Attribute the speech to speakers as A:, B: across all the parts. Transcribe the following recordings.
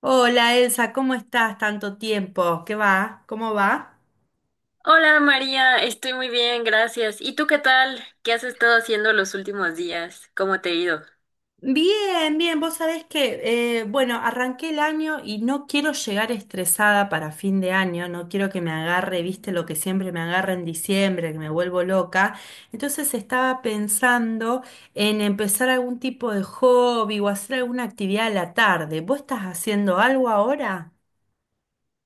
A: Hola Elsa, ¿cómo estás? Tanto tiempo. ¿Qué va? ¿Cómo va?
B: Hola María, estoy muy bien, gracias. ¿Y tú qué tal? ¿Qué has estado haciendo los últimos días? ¿Cómo te ha ido?
A: Bien, bien. Vos sabés que, bueno, arranqué el año y no quiero llegar estresada para fin de año, no quiero que me agarre, viste, lo que siempre me agarra en diciembre, que me vuelvo loca. Entonces estaba pensando en empezar algún tipo de hobby o hacer alguna actividad a la tarde. ¿Vos estás haciendo algo ahora?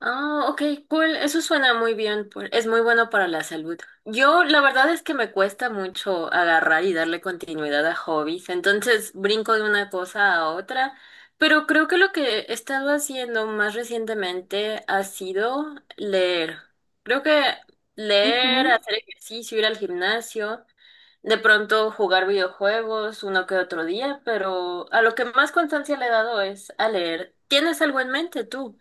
B: Ah, ok, cool. Eso suena muy bien. Es muy bueno para la salud. Yo, la verdad es que me cuesta mucho agarrar y darle continuidad a hobbies, entonces brinco de una cosa a otra. Pero creo que lo que he estado haciendo más recientemente ha sido leer. Creo que leer,
A: Ujú.
B: hacer ejercicio, ir al gimnasio. De pronto jugar videojuegos uno que otro día, pero a lo que más constancia le he dado es a leer. ¿Tienes algo en mente tú?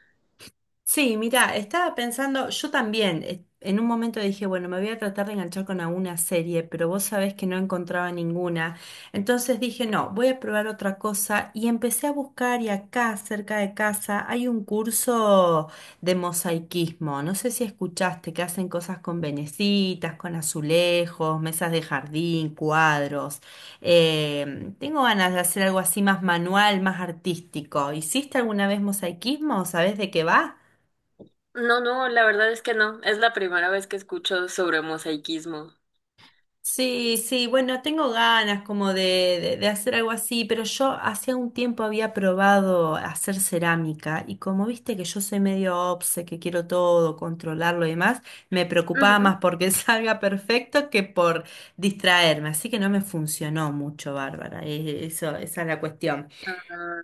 A: Sí, mira, estaba pensando, yo también, en un momento dije, bueno, me voy a tratar de enganchar con alguna serie, pero vos sabés que no encontraba ninguna. Entonces dije, no, voy a probar otra cosa y empecé a buscar y acá, cerca de casa, hay un curso de mosaiquismo. No sé si escuchaste que hacen cosas con venecitas, con azulejos, mesas de jardín, cuadros. Tengo ganas de hacer algo así más manual, más artístico. ¿Hiciste alguna vez mosaiquismo? ¿Sabés de qué va?
B: No, no, la verdad es que no. Es la primera vez que escucho sobre mosaicismo.
A: Sí, sí, bueno, tengo ganas como de, de hacer algo así, pero yo hacía un tiempo había probado hacer cerámica y como viste que yo soy medio obse, que quiero todo, controlarlo y demás, me preocupaba
B: Ujú.
A: más porque salga perfecto que por distraerme, así que no me funcionó mucho, Bárbara, eso, esa es la cuestión.
B: Ah,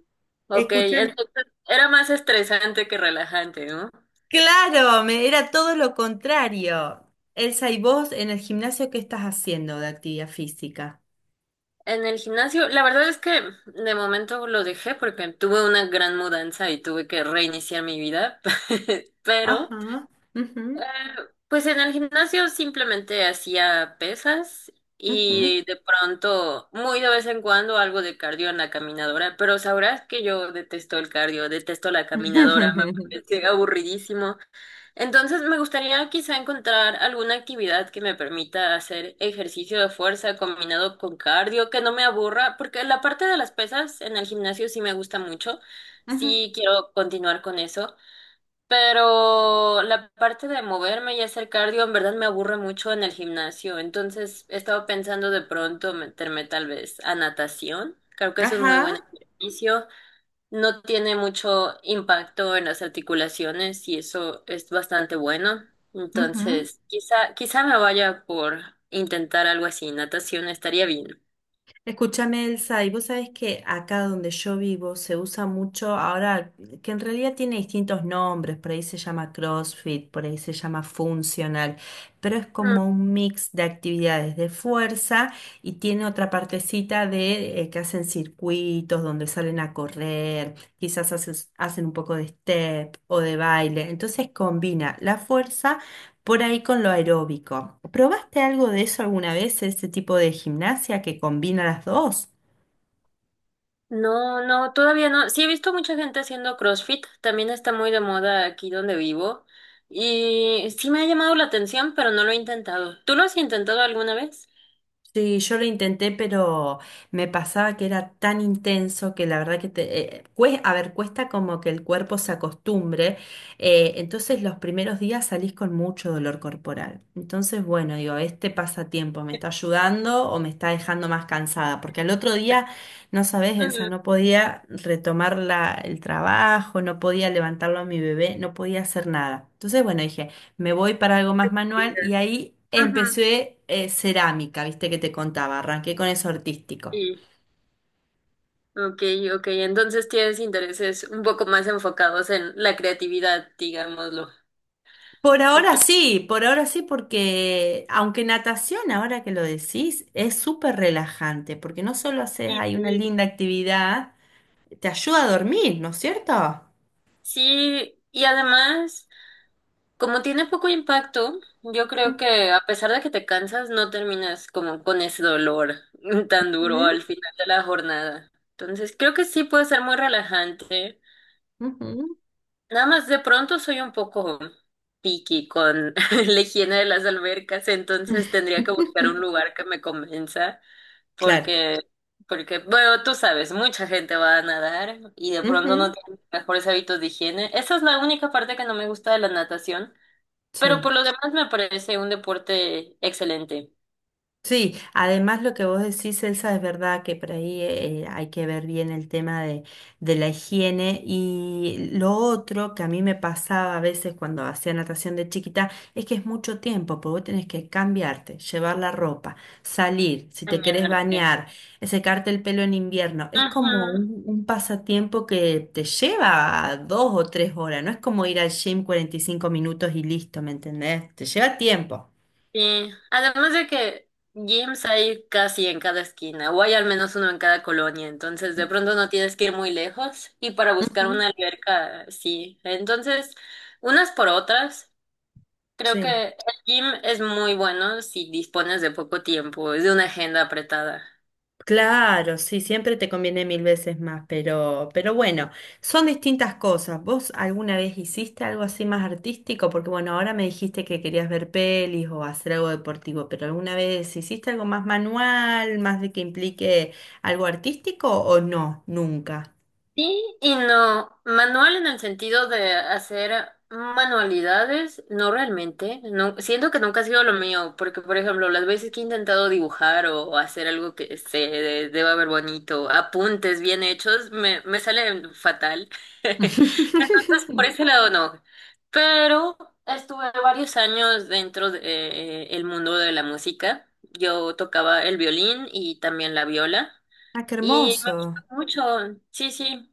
B: ok,
A: Escuchame,
B: entonces era más estresante que relajante, ¿no?
A: claro, me, era todo lo contrario. Elsa, ¿y vos en el gimnasio qué estás haciendo de actividad física?
B: En el gimnasio, la verdad es que de momento lo dejé porque tuve una gran mudanza y tuve que reiniciar mi vida, pero
A: Ajá. Ujú.
B: ah, pues en el gimnasio simplemente hacía pesas
A: Ujú.
B: y de pronto, muy de vez en cuando, algo de cardio en la caminadora, pero sabrás que yo detesto el cardio, detesto la caminadora, me
A: Ujú.
B: parece aburridísimo. Entonces me gustaría quizá encontrar alguna actividad que me permita hacer ejercicio de fuerza combinado con cardio, que no me aburra, porque la parte de las pesas en el gimnasio sí me gusta mucho, sí quiero continuar con eso. Pero la parte de moverme y hacer cardio en verdad me aburre mucho en el gimnasio, entonces he estado pensando de pronto meterme tal vez a natación. Creo que es un muy buen
A: Ajá.
B: ejercicio, no tiene mucho impacto en las articulaciones y eso es bastante bueno.
A: Ujú.
B: Entonces, quizá me vaya por intentar algo así, natación estaría bien.
A: Escúchame, Elsa, y vos sabés que acá donde yo vivo se usa mucho ahora, que en realidad tiene distintos nombres, por ahí se llama CrossFit, por ahí se llama funcional, pero es como un mix de actividades de fuerza y tiene otra partecita de que hacen circuitos donde salen a correr, quizás hacen un poco de step o de baile, entonces combina la fuerza por ahí con lo aeróbico. ¿Probaste algo de eso alguna vez, ese tipo de gimnasia que combina las dos?
B: No, no, todavía no. Sí he visto mucha gente haciendo CrossFit, también está muy de moda aquí donde vivo y sí me ha llamado la atención, pero no lo he intentado. ¿Tú lo has intentado alguna vez?
A: Sí, yo lo intenté, pero me pasaba que era tan intenso que la verdad que te, a ver, cuesta como que el cuerpo se acostumbre. Entonces los primeros días salís con mucho dolor corporal. Entonces, bueno, digo, este pasatiempo me está ayudando o me está dejando más cansada, porque al otro día, no sabés, Elsa,
B: Ujú,
A: no podía retomar el trabajo, no podía levantarlo a mi bebé, no podía hacer nada. Entonces, bueno, dije me voy para algo más manual
B: vida.
A: y ahí
B: Ujú,
A: empecé cerámica, viste que te contaba, arranqué con eso artístico.
B: sí, ok, ok. Entonces tienes intereses un poco más enfocados en la creatividad, digámoslo. Sí, pues,
A: Por ahora sí, porque aunque natación, ahora que lo decís, es súper relajante, porque no solo haces
B: sí,
A: ahí una
B: sí.
A: linda actividad, te ayuda a dormir, ¿no es cierto?
B: Sí, y además como tiene poco impacto, yo creo que a pesar de que te cansas, no terminas como con ese dolor tan duro
A: Ujú,
B: al final de la jornada. Entonces, creo que sí puede ser muy relajante.
A: ujú.
B: Nada más de pronto soy un poco picky con la higiene de las albercas, entonces tendría que buscar un lugar que me convenza
A: Claro.
B: porque porque bueno, tú sabes, mucha gente va a nadar y de pronto no
A: Ujú,
B: tiene los mejores hábitos de higiene. Esa es la única parte que no me gusta de la natación. Pero
A: sí.
B: por lo demás me parece un deporte excelente.
A: Sí, además lo que vos decís, Elsa, es verdad que por ahí hay que ver bien el tema de la higiene y lo otro que a mí me pasaba a veces cuando hacía natación de chiquita es que es mucho tiempo, porque vos tenés que cambiarte, llevar la ropa, salir, si te querés
B: Bañarte.
A: bañar, secarte el pelo en invierno, es como
B: Ajá,
A: un pasatiempo que te lleva 2 o 3 horas, no es como ir al gym 45 minutos y listo, ¿me entendés? Te lleva tiempo.
B: sí. Además de que gyms hay casi en cada esquina, o hay al menos uno en cada colonia, entonces de pronto no tienes que ir muy lejos y para buscar
A: Ujú.
B: una alberca, sí. Entonces, unas por otras, creo que
A: Sí.
B: el gym es muy bueno si dispones de poco tiempo, es de una agenda apretada.
A: Claro, sí, siempre te conviene mil veces más, pero bueno, son distintas cosas. ¿Vos alguna vez hiciste algo así más artístico? Porque bueno, ahora me dijiste que querías ver pelis o hacer algo deportivo, pero ¿alguna vez hiciste algo más manual, más de que implique algo artístico o no? Nunca.
B: Sí y no. Manual en el sentido de hacer manualidades, no realmente. No, siento que nunca ha sido lo mío, porque por ejemplo, las veces que he intentado dibujar o hacer algo que se deba ver bonito, apuntes bien hechos, me salen fatal. Entonces, por ese lado no. Pero estuve varios años dentro de, el mundo de la música. Yo tocaba el violín y también la viola.
A: Ah, qué
B: Y me gusta
A: hermoso.
B: mucho, sí, sí,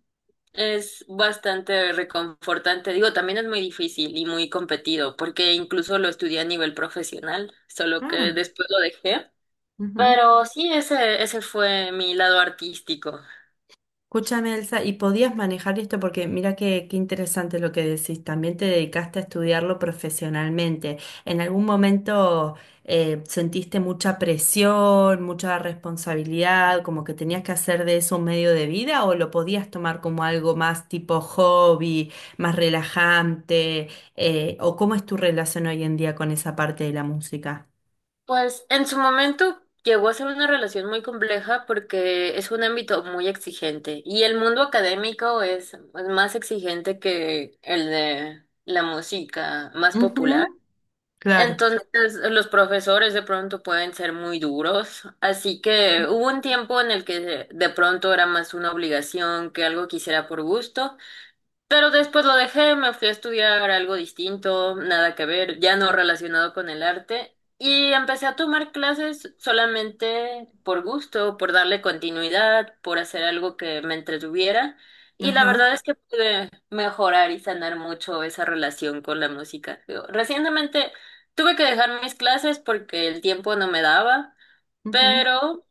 B: es bastante reconfortante. Digo, también es muy difícil y muy competido, porque incluso lo estudié a nivel profesional, solo que
A: Ah,
B: después lo dejé.
A: ujú.
B: Pero sí, ese fue mi lado artístico.
A: Escúchame, Elsa, ¿y podías manejar esto? Porque mira qué, qué interesante lo que decís. También te dedicaste a estudiarlo profesionalmente. ¿En algún momento sentiste mucha presión, mucha responsabilidad, como que tenías que hacer de eso un medio de vida o lo podías tomar como algo más tipo hobby, más relajante? ¿O cómo es tu relación hoy en día con esa parte de la música?
B: Pues en su momento llegó a ser una relación muy compleja porque es un ámbito muy exigente y el mundo académico es más exigente que el de la música más popular.
A: Ujú, claro.
B: Entonces, los profesores de pronto pueden ser muy duros, así que hubo un tiempo en el que de pronto era más una obligación que algo que hiciera por gusto, pero después lo dejé, me fui a estudiar algo distinto, nada que ver, ya no relacionado con el arte. Y empecé a tomar clases solamente por gusto, por darle continuidad, por hacer algo que me entretuviera. Y la
A: Ajá.
B: verdad es que pude mejorar y sanar mucho esa relación con la música. Digo, recientemente tuve que dejar mis clases porque el tiempo no me daba,
A: Ujú.
B: pero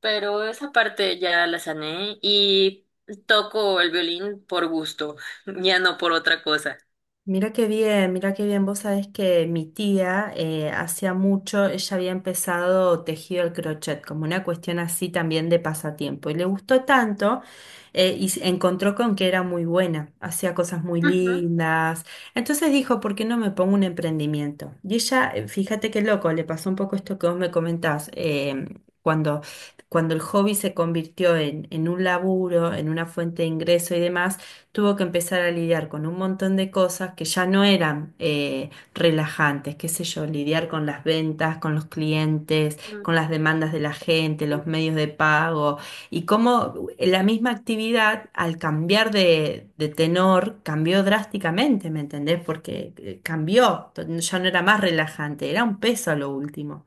B: esa parte ya la sané y toco el violín por gusto, ya no por otra cosa.
A: Mira qué bien, mira qué bien. Vos sabés que mi tía hacía mucho, ella había empezado tejido el crochet como una cuestión así también de pasatiempo y le gustó tanto y se encontró con que era muy buena, hacía cosas muy
B: Ujú,
A: lindas. Entonces dijo, ¿por qué no me pongo un emprendimiento? Y ella, fíjate qué loco, le pasó un poco esto que vos me comentás. Cuando, Cuando el hobby se convirtió en un laburo, en una fuente de ingreso y demás, tuvo que empezar a lidiar con un montón de cosas que ya no eran relajantes, qué sé yo, lidiar con las ventas, con los clientes,
B: ujú,
A: con las demandas de la gente, los medios de pago, y cómo la misma actividad al cambiar de tenor cambió drásticamente, ¿me entendés? Porque cambió, ya no era más relajante, era un peso a lo último.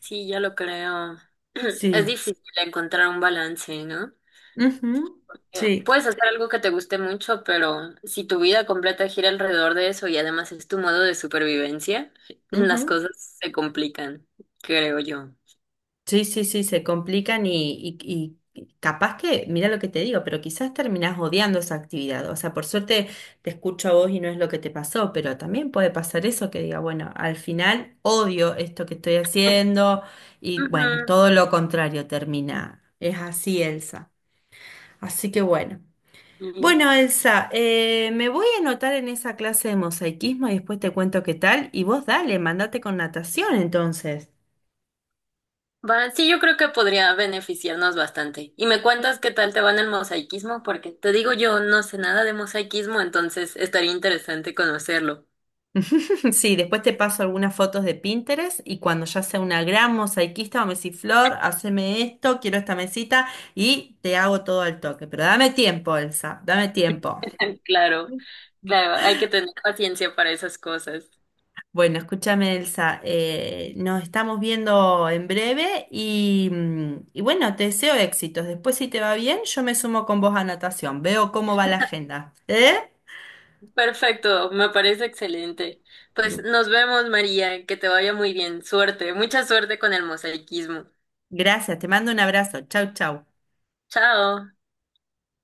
B: sí, ya lo creo. Es
A: Sí.
B: difícil encontrar un balance, ¿no?
A: Ujú. Sí.
B: Puedes hacer algo que te guste mucho, pero si tu vida completa gira alrededor de eso y además es tu modo de supervivencia, las
A: Ujú.
B: cosas se complican, creo yo.
A: Sí, sí, sí, se complican y capaz que, mira lo que te digo, pero quizás terminás odiando esa actividad. O sea, por suerte te escucho a vos y no es lo que te pasó, pero también puede pasar eso que diga, bueno, al final odio esto que estoy haciendo y bueno, todo lo contrario termina. Es así, Elsa. Así que bueno.
B: Ujú.
A: Bueno, Elsa, me voy a anotar en esa clase de mosaicismo y después te cuento qué tal. Y vos dale, mandate con natación entonces.
B: Va, sí, yo creo que podría beneficiarnos bastante. Y me cuentas qué tal te va en el mosaicismo, porque te digo yo no sé nada de mosaicismo, entonces estaría interesante conocerlo.
A: Sí, después te paso algunas fotos de Pinterest y cuando ya sea una gran mosaiquista o flor, haceme esto, quiero esta mesita y te hago todo al toque. Pero dame tiempo, Elsa, dame tiempo.
B: Claro, claro, hay que tener paciencia para esas cosas.
A: Bueno, escúchame, Elsa, nos estamos viendo en breve y y bueno, te deseo éxitos. Después, si te va bien, yo me sumo con vos a natación. Veo cómo va la agenda. ¿Eh?
B: Perfecto, me parece excelente. Pues nos vemos, María, que te vaya muy bien. Suerte, mucha suerte con el mosaicismo.
A: Gracias, te mando un abrazo. Chau, chau.
B: Chao.